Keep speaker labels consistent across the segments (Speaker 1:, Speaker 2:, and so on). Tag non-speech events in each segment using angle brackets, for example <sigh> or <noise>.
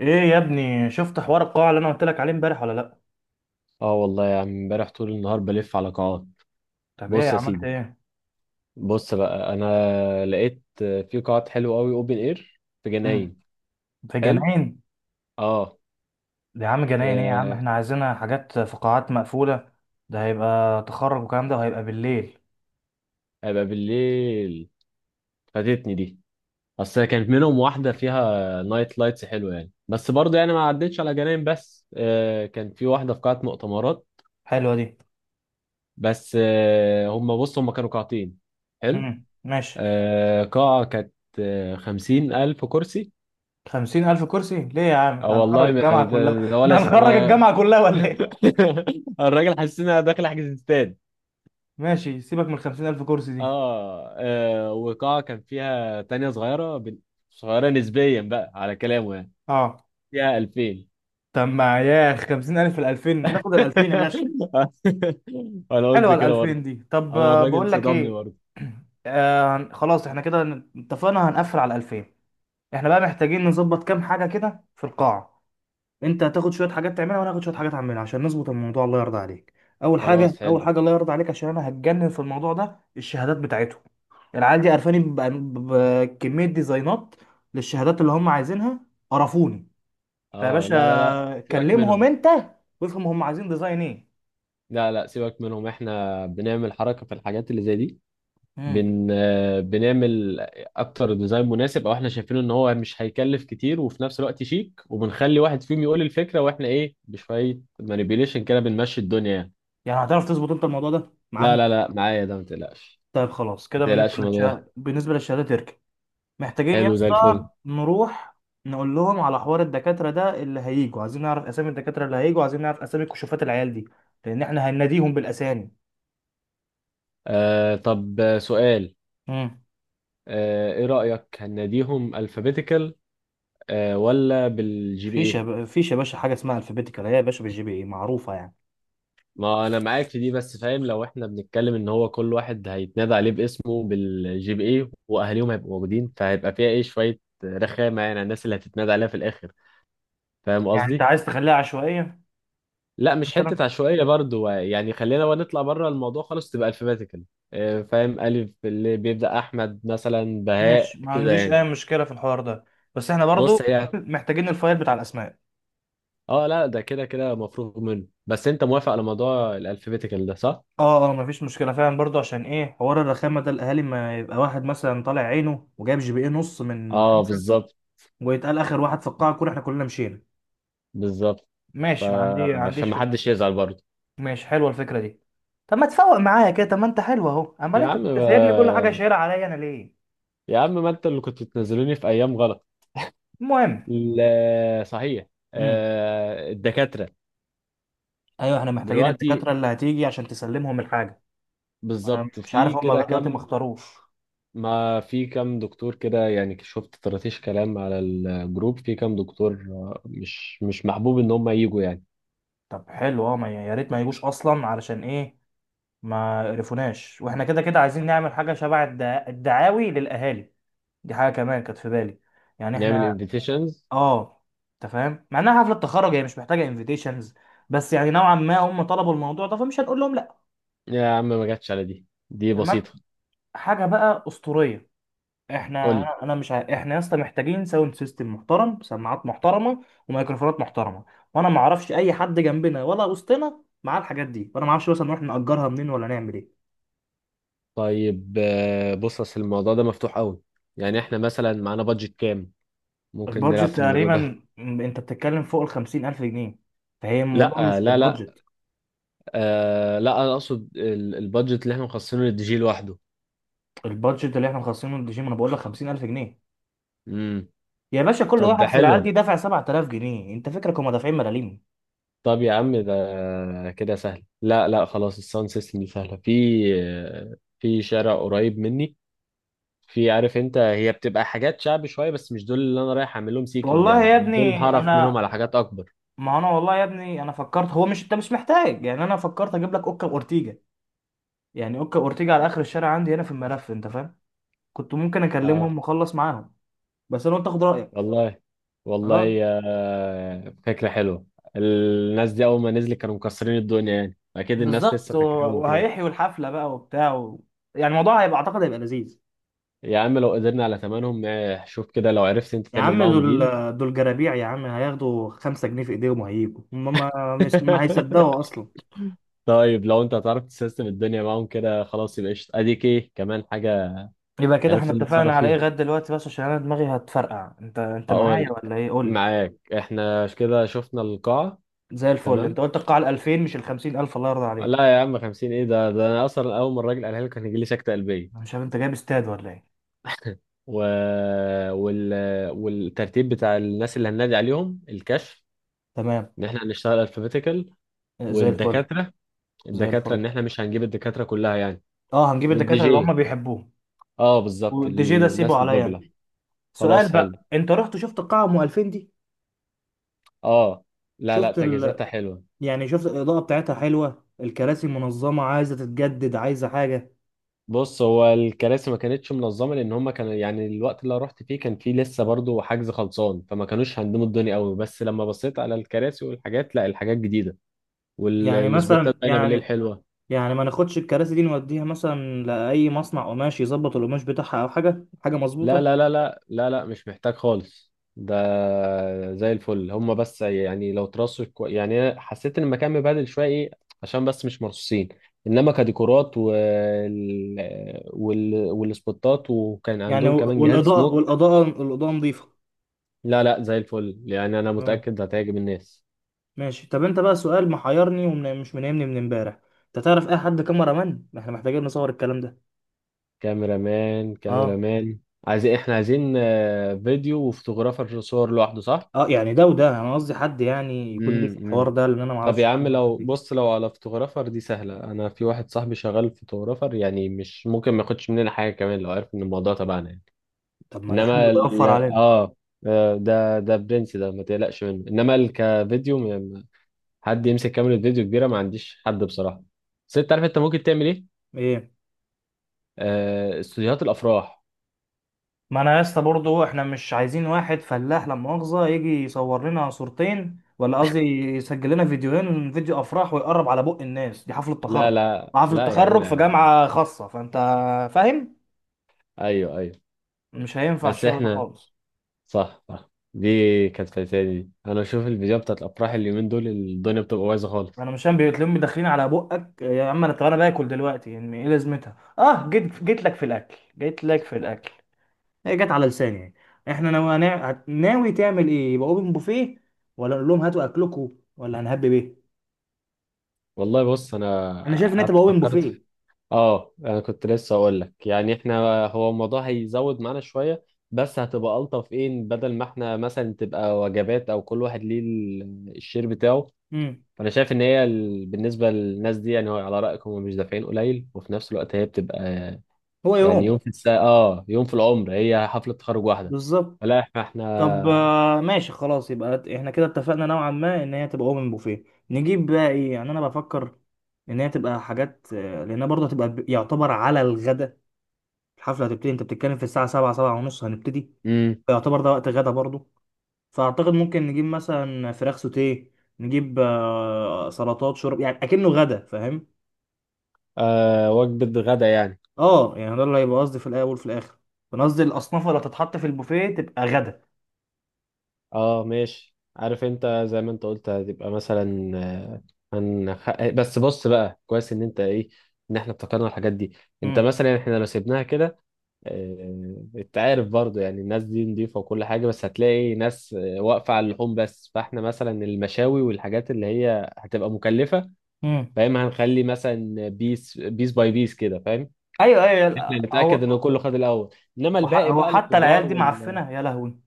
Speaker 1: ايه يا ابني، شفت حوار القاعة اللي انا قلت لك عليه امبارح ولا لا؟
Speaker 2: اه والله يا عم، امبارح طول النهار بلف على قاعات.
Speaker 1: طب ايه
Speaker 2: بص يا
Speaker 1: عملت
Speaker 2: سيدي،
Speaker 1: ايه؟
Speaker 2: بص بقى، انا لقيت في قاعات حلوه قوي اوبن اير في
Speaker 1: مم.
Speaker 2: جناين.
Speaker 1: في
Speaker 2: حلو.
Speaker 1: جناين؟
Speaker 2: اه.
Speaker 1: ده يا عم جناين ايه يا عم، احنا
Speaker 2: في
Speaker 1: عايزينها حاجات في قاعات مقفولة. ده هيبقى تخرج والكلام ده وهيبقى بالليل.
Speaker 2: هيبقى بالليل. فاتتني دي، اصل كانت منهم واحده فيها نايت لايتس حلوه يعني، بس برضه يعني ما عدتش على جناين. بس كان في واحده في قاعه مؤتمرات.
Speaker 1: حلوة دي.
Speaker 2: بس هم، بص هم كانوا قاعتين. حلو.
Speaker 1: مم. ماشي.
Speaker 2: قاعه كانت، خمسين ألف كرسي.
Speaker 1: خمسين ألف كرسي ليه يا عم؟
Speaker 2: اه
Speaker 1: احنا هنخرج
Speaker 2: والله ما-
Speaker 1: الجامعة كلها
Speaker 2: ده-
Speaker 1: <laughs>
Speaker 2: ده ولا
Speaker 1: احنا هنخرج الجامعة كلها ولا ايه؟
Speaker 2: <laughs> الراجل حسينا داخل حجز استاد.
Speaker 1: ماشي، سيبك من الخمسين ألف كرسي دي.
Speaker 2: اه وقاعة كان فيها تانية صغيرة صغيرة نسبيا بقى على كلامه يعني.
Speaker 1: اه.
Speaker 2: فيها 2000.
Speaker 1: طب ما ياخ خمسين ألف في الألفين، ناخد الألفين يا باشا.
Speaker 2: <laughs> انا قلت
Speaker 1: حلوه ال
Speaker 2: كده برضه.
Speaker 1: 2000 دي. طب
Speaker 2: انا الراجل
Speaker 1: بقول لك
Speaker 2: صدمني
Speaker 1: ايه.
Speaker 2: برضه.
Speaker 1: <clears throat> خلاص احنا كده اتفقنا هنقفل على 2000. احنا بقى محتاجين نظبط كام حاجه كده في القاعه. انت هتاخد شويه حاجات تعملها وانا هاخد شويه حاجات اعملها عشان نظبط الموضوع الله يرضى عليك. اول حاجه
Speaker 2: خلاص
Speaker 1: اول
Speaker 2: حلو.
Speaker 1: حاجه الله يرضى عليك عشان انا هتجنن في الموضوع ده الشهادات بتاعتهم. العيال دي قرفاني بكميه ديزاينات للشهادات اللي هم عايزينها. قرفوني. فيا
Speaker 2: اه لا لا لا،
Speaker 1: باشا
Speaker 2: سيبك
Speaker 1: كلمهم
Speaker 2: منهم.
Speaker 1: انت وافهم هم عايزين ديزاين ايه.
Speaker 2: لا لا سيبك منهم، احنا بنعمل حركة في الحاجات اللي زي دي.
Speaker 1: مم.
Speaker 2: بن آه، بنعمل اكتر ديزاين مناسب او احنا شايفينه ان هو مش هيكلف كتير، وفي نفس الوقت شيك، وبنخلي واحد فيهم يقول الفكره واحنا ايه بشويه مانيبيوليشن كده بنمشي الدنيا يعني.
Speaker 1: يعني هتعرف تظبط انت الموضوع ده
Speaker 2: لا
Speaker 1: معاهم؟
Speaker 2: لا لا، معايا ده ما تقلقش.
Speaker 1: طيب خلاص
Speaker 2: ما
Speaker 1: كده بالنسبة
Speaker 2: تقلقش من الموضوع ده.
Speaker 1: للشهادة بالنسبة للشهادة تركي. محتاجين يا
Speaker 2: حلو زي
Speaker 1: اسطى
Speaker 2: الفل.
Speaker 1: نروح نقول لهم على حوار الدكاترة ده اللي هيجوا، عايزين نعرف أسامي الدكاترة اللي هيجوا، عايزين نعرف أسامي كشوفات العيال دي. لأن احنا هنناديهم بالأسامي.
Speaker 2: آه طب سؤال.
Speaker 1: امم
Speaker 2: آه ايه رايك، هناديهم الفابيتيكال آه ولا بالجي بي اي؟
Speaker 1: فيش يا باشا حاجة اسمها الفابيتيكال، هي يا باشا بالجي بي إيه معروفة يعني.
Speaker 2: ما انا معاك في دي، بس فاهم لو احنا بنتكلم ان هو كل واحد هيتنادى عليه باسمه بالجي بي اي، واهاليهم هيبقوا موجودين، فهيبقى فيها ايه شويه رخامه يعني على الناس اللي هتتنادى عليها في الاخر. فاهم
Speaker 1: يعني أنت
Speaker 2: قصدي؟
Speaker 1: عايز تخليها عشوائية؟
Speaker 2: لا مش
Speaker 1: مثلا.
Speaker 2: حته عشوائيه برضو، يعني خلينا بقى نطلع بره الموضوع خالص، تبقى الفابيتيكال. فاهم، الف اللي بيبدا احمد مثلا، بهاء
Speaker 1: ماشي، ما
Speaker 2: كده
Speaker 1: عنديش
Speaker 2: يعني.
Speaker 1: أي مشكلة في الحوار ده. بس احنا برضو
Speaker 2: بص
Speaker 1: <laughs>
Speaker 2: هي.
Speaker 1: محتاجين الفايل بتاع الأسماء.
Speaker 2: اه لا ده كده كده مفروغ منه، بس انت موافق على موضوع الالفابيتيكال ده صح؟
Speaker 1: اه اه، مفيش مشكله فعلا برضو عشان ايه حوار الرخامه ده، الاهالي ما يبقى واحد مثلا طالع عينه وجايب جي بي ايه نص من
Speaker 2: اه
Speaker 1: خمسه
Speaker 2: بالظبط.
Speaker 1: ويتقال اخر واحد في القاعه كلها احنا كلنا مشينا.
Speaker 2: بالظبط.
Speaker 1: ماشي، ما
Speaker 2: فعشان
Speaker 1: عنديش
Speaker 2: ما
Speaker 1: فكره.
Speaker 2: حدش يزعل برضو.
Speaker 1: ماشي، حلوه الفكره دي. طب ما تفوق معايا كده، طب ما انت حلو اهو، امال
Speaker 2: يا
Speaker 1: انت
Speaker 2: عم
Speaker 1: كنت سايبني كل حاجه
Speaker 2: ما...
Speaker 1: شايلها عليا انا ليه؟
Speaker 2: يا عم ما انت اللي كنت بتنزلوني في ايام غلط.
Speaker 1: المهم.
Speaker 2: لا صحيح.
Speaker 1: امم.
Speaker 2: الدكاترة.
Speaker 1: ايوه، احنا محتاجين
Speaker 2: دلوقتي
Speaker 1: الدكاتره اللي هتيجي عشان تسلمهم الحاجه. انا
Speaker 2: بالظبط
Speaker 1: مش عارف
Speaker 2: في
Speaker 1: هم
Speaker 2: كده
Speaker 1: لغايه دلوقتي ما
Speaker 2: كم؟
Speaker 1: اختاروش.
Speaker 2: ما في كم دكتور كده يعني، شفت طرطيش كلام على الجروب، في كم دكتور مش مش محبوب ان هم يجوا يعني.
Speaker 1: طب حلو، اه يا ريت ما يجوش اصلا علشان ايه. ما عرفوناش واحنا كده كده عايزين نعمل حاجه شبه الدعاوي للاهالي. دي حاجه كمان كانت في بالي. يعني
Speaker 2: نعمل
Speaker 1: احنا
Speaker 2: انفيتيشنز.
Speaker 1: اه انت فاهم، مع انها حفله تخرج هي مش محتاجه انفيتيشنز. بس يعني نوعا ما هم طلبوا الموضوع ده فمش هنقول لهم لا.
Speaker 2: يا عم ما جاتش على دي، دي
Speaker 1: تمام.
Speaker 2: بسيطة.
Speaker 1: حاجه بقى اسطوريه. احنا
Speaker 2: قول لي.
Speaker 1: انا أنا مش ع... احنا يا اسطى محتاجين ساوند سيستم محترم، سماعات محترمه وميكروفونات محترمه. وانا ما اعرفش اي حد جنبنا ولا وسطنا معاه الحاجات دي، وانا ما اعرفش مثلا نروح نأجرها منين ولا نعمل ايه.
Speaker 2: طيب بص، اصل الموضوع ده مفتوح قوي. يعني احنا مثلا معانا بادجت كام، ممكن نلعب
Speaker 1: البادجت
Speaker 2: في الموضوع
Speaker 1: تقريبا،
Speaker 2: ده.
Speaker 1: انت بتتكلم فوق ال 50,000 جنيه، فهي الموضوع مش
Speaker 2: لا
Speaker 1: في
Speaker 2: لا لا،
Speaker 1: البادجت.
Speaker 2: آه لا انا اقصد البادجت اللي احنا مخصصينه للدي جي لوحده.
Speaker 1: البادجت اللي احنا مخصصينه للجيم انا بقول لك 50,000 جنيه.
Speaker 2: امم.
Speaker 1: يا باشا كل
Speaker 2: طب
Speaker 1: واحد
Speaker 2: ده
Speaker 1: في
Speaker 2: حلو.
Speaker 1: العيال دي دافع 7,000 جنيه، انت فكرك هم دافعين ملاليم؟
Speaker 2: طب يا عم ده كده سهل. لا لا خلاص، الساوند سيستم دي سهله. في في شارع قريب مني، في، عارف انت، هي بتبقى حاجات شعبي شويه، بس مش دول اللي انا رايح اعمل لهم سيكينج يعني،
Speaker 1: والله يا
Speaker 2: انا دول
Speaker 1: ابني
Speaker 2: هعرف منهم
Speaker 1: انا
Speaker 2: على حاجات اكبر.
Speaker 1: والله يا ابني انا فكرت، هو مش انت مش محتاج يعني، انا فكرت اجيب لك اوكا اورتيجا. يعني اوكا اورتيجا على اخر الشارع عندي هنا في الملف، انت فاهم. كنت ممكن
Speaker 2: اه
Speaker 1: اكلمهم واخلص معاهم بس انا قلت اخد رايك.
Speaker 2: والله.
Speaker 1: اه،
Speaker 2: والله آه فكره حلوه. الناس دي اول ما نزلت كانوا مكسرين الدنيا يعني، اكيد الناس
Speaker 1: بالظبط
Speaker 2: لسه فاكراهم وكده.
Speaker 1: وهيحيوا الحفله بقى وبتاع يعني الموضوع اعتقد هيبقى لذيذ.
Speaker 2: يا عم لو قدرنا على ثمنهم شوف كده لو عرفت انت
Speaker 1: يا
Speaker 2: تعمل
Speaker 1: عم
Speaker 2: معاهم
Speaker 1: دول
Speaker 2: ديل.
Speaker 1: دول جرابيع يا عم، هياخدوا 5 جنيه في ايديهم وهيجوا هم ما هيصدقوا
Speaker 2: <laughs>
Speaker 1: اصلا.
Speaker 2: طيب لو انت هتعرف تسيستم الدنيا معاهم كده، خلاص يبقى قشطة. اديك ايه كمان حاجة؟
Speaker 1: يبقى كده احنا
Speaker 2: عرفت
Speaker 1: اتفقنا
Speaker 2: نتصرف
Speaker 1: على ايه
Speaker 2: فيها.
Speaker 1: غدا دلوقتي، بس عشان انا دماغي هتفرقع، انت معايا
Speaker 2: هقول.
Speaker 1: ولا ايه قول لي.
Speaker 2: معاك. احنا كده شفنا القاعة.
Speaker 1: زي الفل،
Speaker 2: تمام.
Speaker 1: انت قلت القاعه ال 2000 مش ال 50,000 الله يرضى عليك.
Speaker 2: لا يا عم، 50 ايه ده، ده انا اصلا اول ما الراجل قالها لي كان يجي لي سكتة
Speaker 1: انا
Speaker 2: قلبية.
Speaker 1: مش عارف انت جايب استاد ولا ايه؟
Speaker 2: و... وال... والترتيب بتاع الناس اللي هننادي عليهم الكشف،
Speaker 1: تمام.
Speaker 2: ان احنا هنشتغل الفابيتيكال.
Speaker 1: زي الفل.
Speaker 2: والدكاترة،
Speaker 1: زي
Speaker 2: الدكاترة
Speaker 1: الفل،
Speaker 2: ان احنا مش هنجيب الدكاترة كلها يعني.
Speaker 1: اه هنجيب
Speaker 2: والدي
Speaker 1: الدكاتره اللي هم
Speaker 2: جي،
Speaker 1: بيحبوهم.
Speaker 2: اه بالظبط
Speaker 1: والدي جي ده سيبه
Speaker 2: الناس
Speaker 1: عليا انا.
Speaker 2: الباجلة. خلاص
Speaker 1: سؤال
Speaker 2: حلو.
Speaker 1: بقى، انت رحت شفت القاعه ام 2000 دي؟
Speaker 2: اه لا لا،
Speaker 1: شفت ال...
Speaker 2: تجهيزاتها حلوة.
Speaker 1: يعني شفت الاضاءه بتاعتها حلوه، الكراسي منظمه، عايزه تتجدد، عايزه حاجه؟
Speaker 2: بص هو الكراسي ما كانتش منظمة، لأن هما كانوا يعني الوقت اللي أنا رحت فيه كان فيه لسه برضو حجز خلصان، فما كانوش هندموا الدنيا قوي، بس لما بصيت على الكراسي والحاجات، لا الحاجات جديدة.
Speaker 1: يعني
Speaker 2: والسبوتات
Speaker 1: مثلا،
Speaker 2: باينة بالليل
Speaker 1: يعني
Speaker 2: حلوة.
Speaker 1: يعني ما ناخدش الكراسي دي نوديها مثلا لأي مصنع قماش يظبط القماش بتاعها أو حاجة
Speaker 2: لا
Speaker 1: مظبوطة.
Speaker 2: لا لا لا لا لا مش محتاج خالص ده، زي الفل. هما بس يعني لو ترصوا يعني أنا حسيت ان المكان مبهدل شويه ايه، عشان بس مش مرصوصين. انما كديكورات والسبوتات، وكان
Speaker 1: يعني
Speaker 2: عندهم
Speaker 1: و-
Speaker 2: كمان جهاز
Speaker 1: والإضاءة
Speaker 2: سموك.
Speaker 1: والإضاءة الإضاءة نظيفة.
Speaker 2: لا لا زي الفل يعني، انا
Speaker 1: تمام.
Speaker 2: متاكد هتعجب الناس.
Speaker 1: ماشي، طب أنت بقى سؤال محيرني ومش منامني من امبارح. أنت تعرف أي حد كاميرا مان؟ ما إحنا محتاجين نصور الكلام ده.
Speaker 2: كاميرا مان. كاميرا
Speaker 1: أه
Speaker 2: مان. عايزين، احنا عايزين فيديو وفوتوغرافر صور لوحده، صح؟
Speaker 1: أه، يعني ده وده، أنا قصدي حد يعني يكون ليه في الحوار
Speaker 2: امم.
Speaker 1: ده، لأن أنا ما
Speaker 2: طب
Speaker 1: أعرفش
Speaker 2: يا
Speaker 1: حد من
Speaker 2: عم
Speaker 1: الناس
Speaker 2: لو
Speaker 1: دي.
Speaker 2: بص، لو على فوتوغرافر دي سهلة، أنا في واحد صاحبي شغال فوتوغرافر، يعني مش ممكن ما ياخدش مننا حاجة كمان لو عرف إن الموضوع تبعنا يعني.
Speaker 1: طب ما ده حلو
Speaker 2: إنما
Speaker 1: ده
Speaker 2: ال
Speaker 1: يوفر علينا.
Speaker 2: آه آه، ده ده برنس ده ما تقلقش منه. إنما ال- كفيديو م- حد يمسك كاميرا فيديو كبيرة ما عنديش حد بصراحة. بس أنت عارف أنت ممكن تعمل إيه؟
Speaker 1: إيه.
Speaker 2: استوديوهات الأفراح.
Speaker 1: ما انا يا اسطى برضه احنا مش عايزين واحد فلاح لا مؤاخذه يجي يصور لنا صورتين، ولا قصدي يسجل لنا فيديوهين، فيديو افراح ويقرب على بق الناس دي، حفله
Speaker 2: لا
Speaker 1: تخرج
Speaker 2: لا
Speaker 1: وحفله
Speaker 2: لا يا عم.
Speaker 1: تخرج في جامعه خاصه، فانت فاهم،
Speaker 2: أيوه أيوه.
Speaker 1: مش هينفع
Speaker 2: بس
Speaker 1: الشغل ده
Speaker 2: إحنا،
Speaker 1: خالص.
Speaker 2: صح صح دي كانت فايتاني، دي انا بشوف الفيديوهات بتاعت الافراح اليومين دول الدنيا بتبقى بايظه خالص.
Speaker 1: انا مش فاهم بيتلم داخلين على بقك يا عم، انا طب انا باكل دلوقتي يعني ايه لازمتها، اه جيت لك في الاكل. هي جت على لساني يعني. احنا ناوي تعمل ايه، يبقى اوبن بوفيه ولا نقول لهم هاتوا اكلكم ولا هنهب بيه؟
Speaker 2: والله بص انا
Speaker 1: انا شايف ان انت
Speaker 2: قعدت
Speaker 1: بقى اوبن
Speaker 2: فكرت
Speaker 1: بوفيه.
Speaker 2: في- اه انا كنت لسه اقول لك يعني، احنا هو الموضوع هيزود معانا شويه، بس هتبقى الطف ايه بدل ما احنا مثلا تبقى وجبات او كل واحد ليه الشير بتاعه.
Speaker 1: امم.
Speaker 2: فانا شايف ان بالنسبه للناس دي يعني، هو على رايكم هم مش دافعين قليل، وفي نفس الوقت هي بتبقى
Speaker 1: هو
Speaker 2: يعني
Speaker 1: يوم.
Speaker 2: يوم في الساعه، اه يوم في العمر، هي حفله تخرج واحده.
Speaker 1: بالظبط.
Speaker 2: فلا احنا،
Speaker 1: طب
Speaker 2: احنا.
Speaker 1: ماشي خلاص يبقى احنا كده اتفقنا نوعا ما ان هي تبقى اوبن بوفيه. نجيب بقى ايه يعني، انا بفكر ان هي تبقى حاجات، لانها برضه هتبقى يعتبر على الغدا. الحفله هتبتدي، انت بتتكلم في الساعه 7، 7 ونص هنبتدي.
Speaker 2: مم.
Speaker 1: يعتبر ده وقت غدا برضه. فاعتقد ممكن نجيب مثلا فراخ سوتيه، نجيب سلطات شرب، يعني اكنه غدا فاهم.
Speaker 2: آه وجبة غدا يعني.
Speaker 1: اه يعني ده اللي هيبقى قصدي في الاول وفي الاخر. انا قصدي الاصناف اللي هتتحط في البوفيه تبقى غدا.
Speaker 2: اه ماشي، عارف انت زي ما انت قلت هتبقى مثلا، بس بص بقى، كويس ان انت ايه ان احنا افتكرنا الحاجات دي. انت مثلا احنا لو سيبناها كده، آه انت عارف برضو يعني الناس دي نضيفة وكل حاجة، بس هتلاقي ناس واقفة على اللحوم بس، فاحنا مثلا المشاوي والحاجات اللي هي هتبقى مكلفة.
Speaker 1: امم.
Speaker 2: فاهم، هنخلي مثلا بيس بيس باي بيس كده فاهم.
Speaker 1: ايوه ايوه،
Speaker 2: احنا
Speaker 1: لا،
Speaker 2: نتأكد ان كله خد الاول، انما الباقي
Speaker 1: هو
Speaker 2: بقى
Speaker 1: حتى العيال
Speaker 2: الخضار.
Speaker 1: دي معفنه يا لهوي.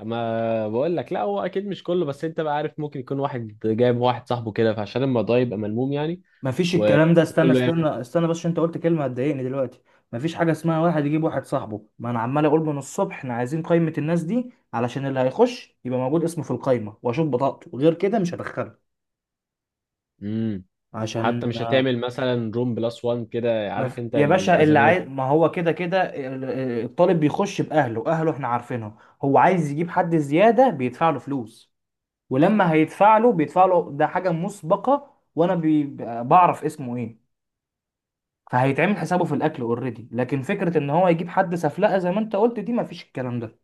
Speaker 2: ما بقول لك لا هو اكيد مش كله، بس انت بقى عارف ممكن يكون واحد جايب واحد صاحبه كده، فعشان الموضوع يبقى ملموم يعني.
Speaker 1: ما فيش
Speaker 2: و-
Speaker 1: الكلام ده، استنى
Speaker 2: وكله ياخد.
Speaker 1: استنى استنى، بس عشان انت قلت كلمه هتضايقني دلوقتي. ما فيش حاجه اسمها واحد يجيب واحد صاحبه، ما انا عمال اقول من الصبح احنا عايزين قائمه الناس دي علشان اللي هيخش يبقى موجود اسمه في القائمه واشوف بطاقته، غير كده مش هدخله.
Speaker 2: امم.
Speaker 1: عشان
Speaker 2: حتى مش هتعمل مثلا روم بلس وان كده،
Speaker 1: ما
Speaker 2: عارف
Speaker 1: في...
Speaker 2: انت،
Speaker 1: يا باشا اللي عايز
Speaker 2: للازمات.
Speaker 1: ما هو كده كده الطالب بيخش باهله، اهله احنا عارفينهم. هو عايز يجيب حد زياده بيدفع له فلوس. ولما هيدفع له بيدفع له ده حاجه مسبقه، وانا بعرف اسمه ايه. فهيتعمل حسابه في الاكل اوريدي، لكن فكره ان هو يجيب حد سفلقه زي ما انت قلت دي مفيش الكلام ده.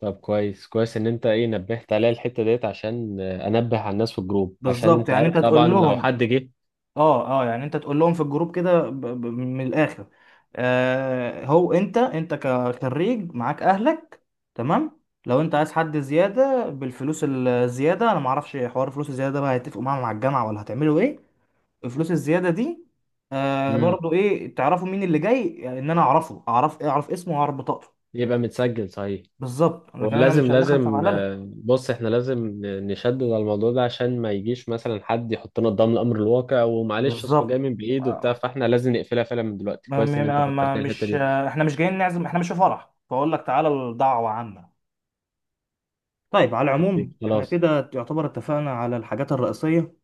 Speaker 2: طب كويس كويس ان انت ايه نبهت عليا الحته ديت، عشان انبه على الناس في الجروب، عشان
Speaker 1: بالظبط،
Speaker 2: انت
Speaker 1: يعني انت
Speaker 2: عارف
Speaker 1: الحاجة تقول
Speaker 2: طبعا
Speaker 1: بتبقى
Speaker 2: لو
Speaker 1: لهم.
Speaker 2: حد جه.
Speaker 1: اه اه، يعني انت تقول لهم في الجروب كده من الاخر. هو انت كخريج معاك اهلك. تمام. لو انت عايز حد زياده بالفلوس الزياده انا معرفش حوار الفلوس الزياده ده بقى، هيتفقوا معاهم مع الجامعه ولا هتعملوا ايه؟ الفلوس الزياده دي.
Speaker 2: امم.
Speaker 1: برضو ايه تعرفوا مين اللي جاي، يعني ان انا اعرفه، اعرف اسمه واعرف بطاقته.
Speaker 2: يبقى متسجل صحيح.
Speaker 1: بالظبط لكن انا
Speaker 2: ولازم
Speaker 1: مش هندخل في
Speaker 2: لازم
Speaker 1: بهلله.
Speaker 2: بص احنا لازم نشدد على الموضوع ده، عشان ما يجيش مثلا حد يحطنا قدام الامر الواقع ومعلش اصله جاي
Speaker 1: بالظبط.
Speaker 2: من بعيد وبتاع،
Speaker 1: آه.
Speaker 2: فاحنا لازم نقفلها فعلا من دلوقتي. كويس ان انت فكرتني الحته
Speaker 1: مش
Speaker 2: دي.
Speaker 1: آه، احنا مش جايين نعزم، احنا مش في فرح فاقول لك تعالى، الدعوه عامه. طيب على
Speaker 2: طيب
Speaker 1: العموم احنا
Speaker 2: خلاص.
Speaker 1: كده يعتبر اتفقنا على الحاجات الرئيسيه.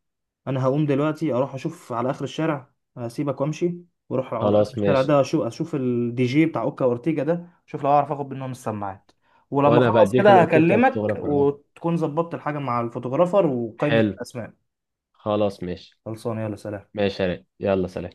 Speaker 1: انا هقوم دلوقتي اروح اشوف على اخر الشارع هسيبك وامشي. واروح على اخر
Speaker 2: خلاص
Speaker 1: الشارع
Speaker 2: ماشي.
Speaker 1: ده اشوف الدي جي بتاع اوكا اورتيجا ده، اشوف لو اعرف اخد منهم السماعات. ولما
Speaker 2: وانا
Speaker 1: اخلص
Speaker 2: بديك
Speaker 1: كده
Speaker 2: الاوكي بتاع
Speaker 1: هكلمك
Speaker 2: الفوتوغرافر اه.
Speaker 1: وتكون ظبطت الحاجه مع الفوتوغرافر وقائمه
Speaker 2: حلو.
Speaker 1: الاسماء.
Speaker 2: خلاص ماشي.
Speaker 1: خلصانه، يلا سلام.
Speaker 2: ماشي يا ريت، يلا سلام.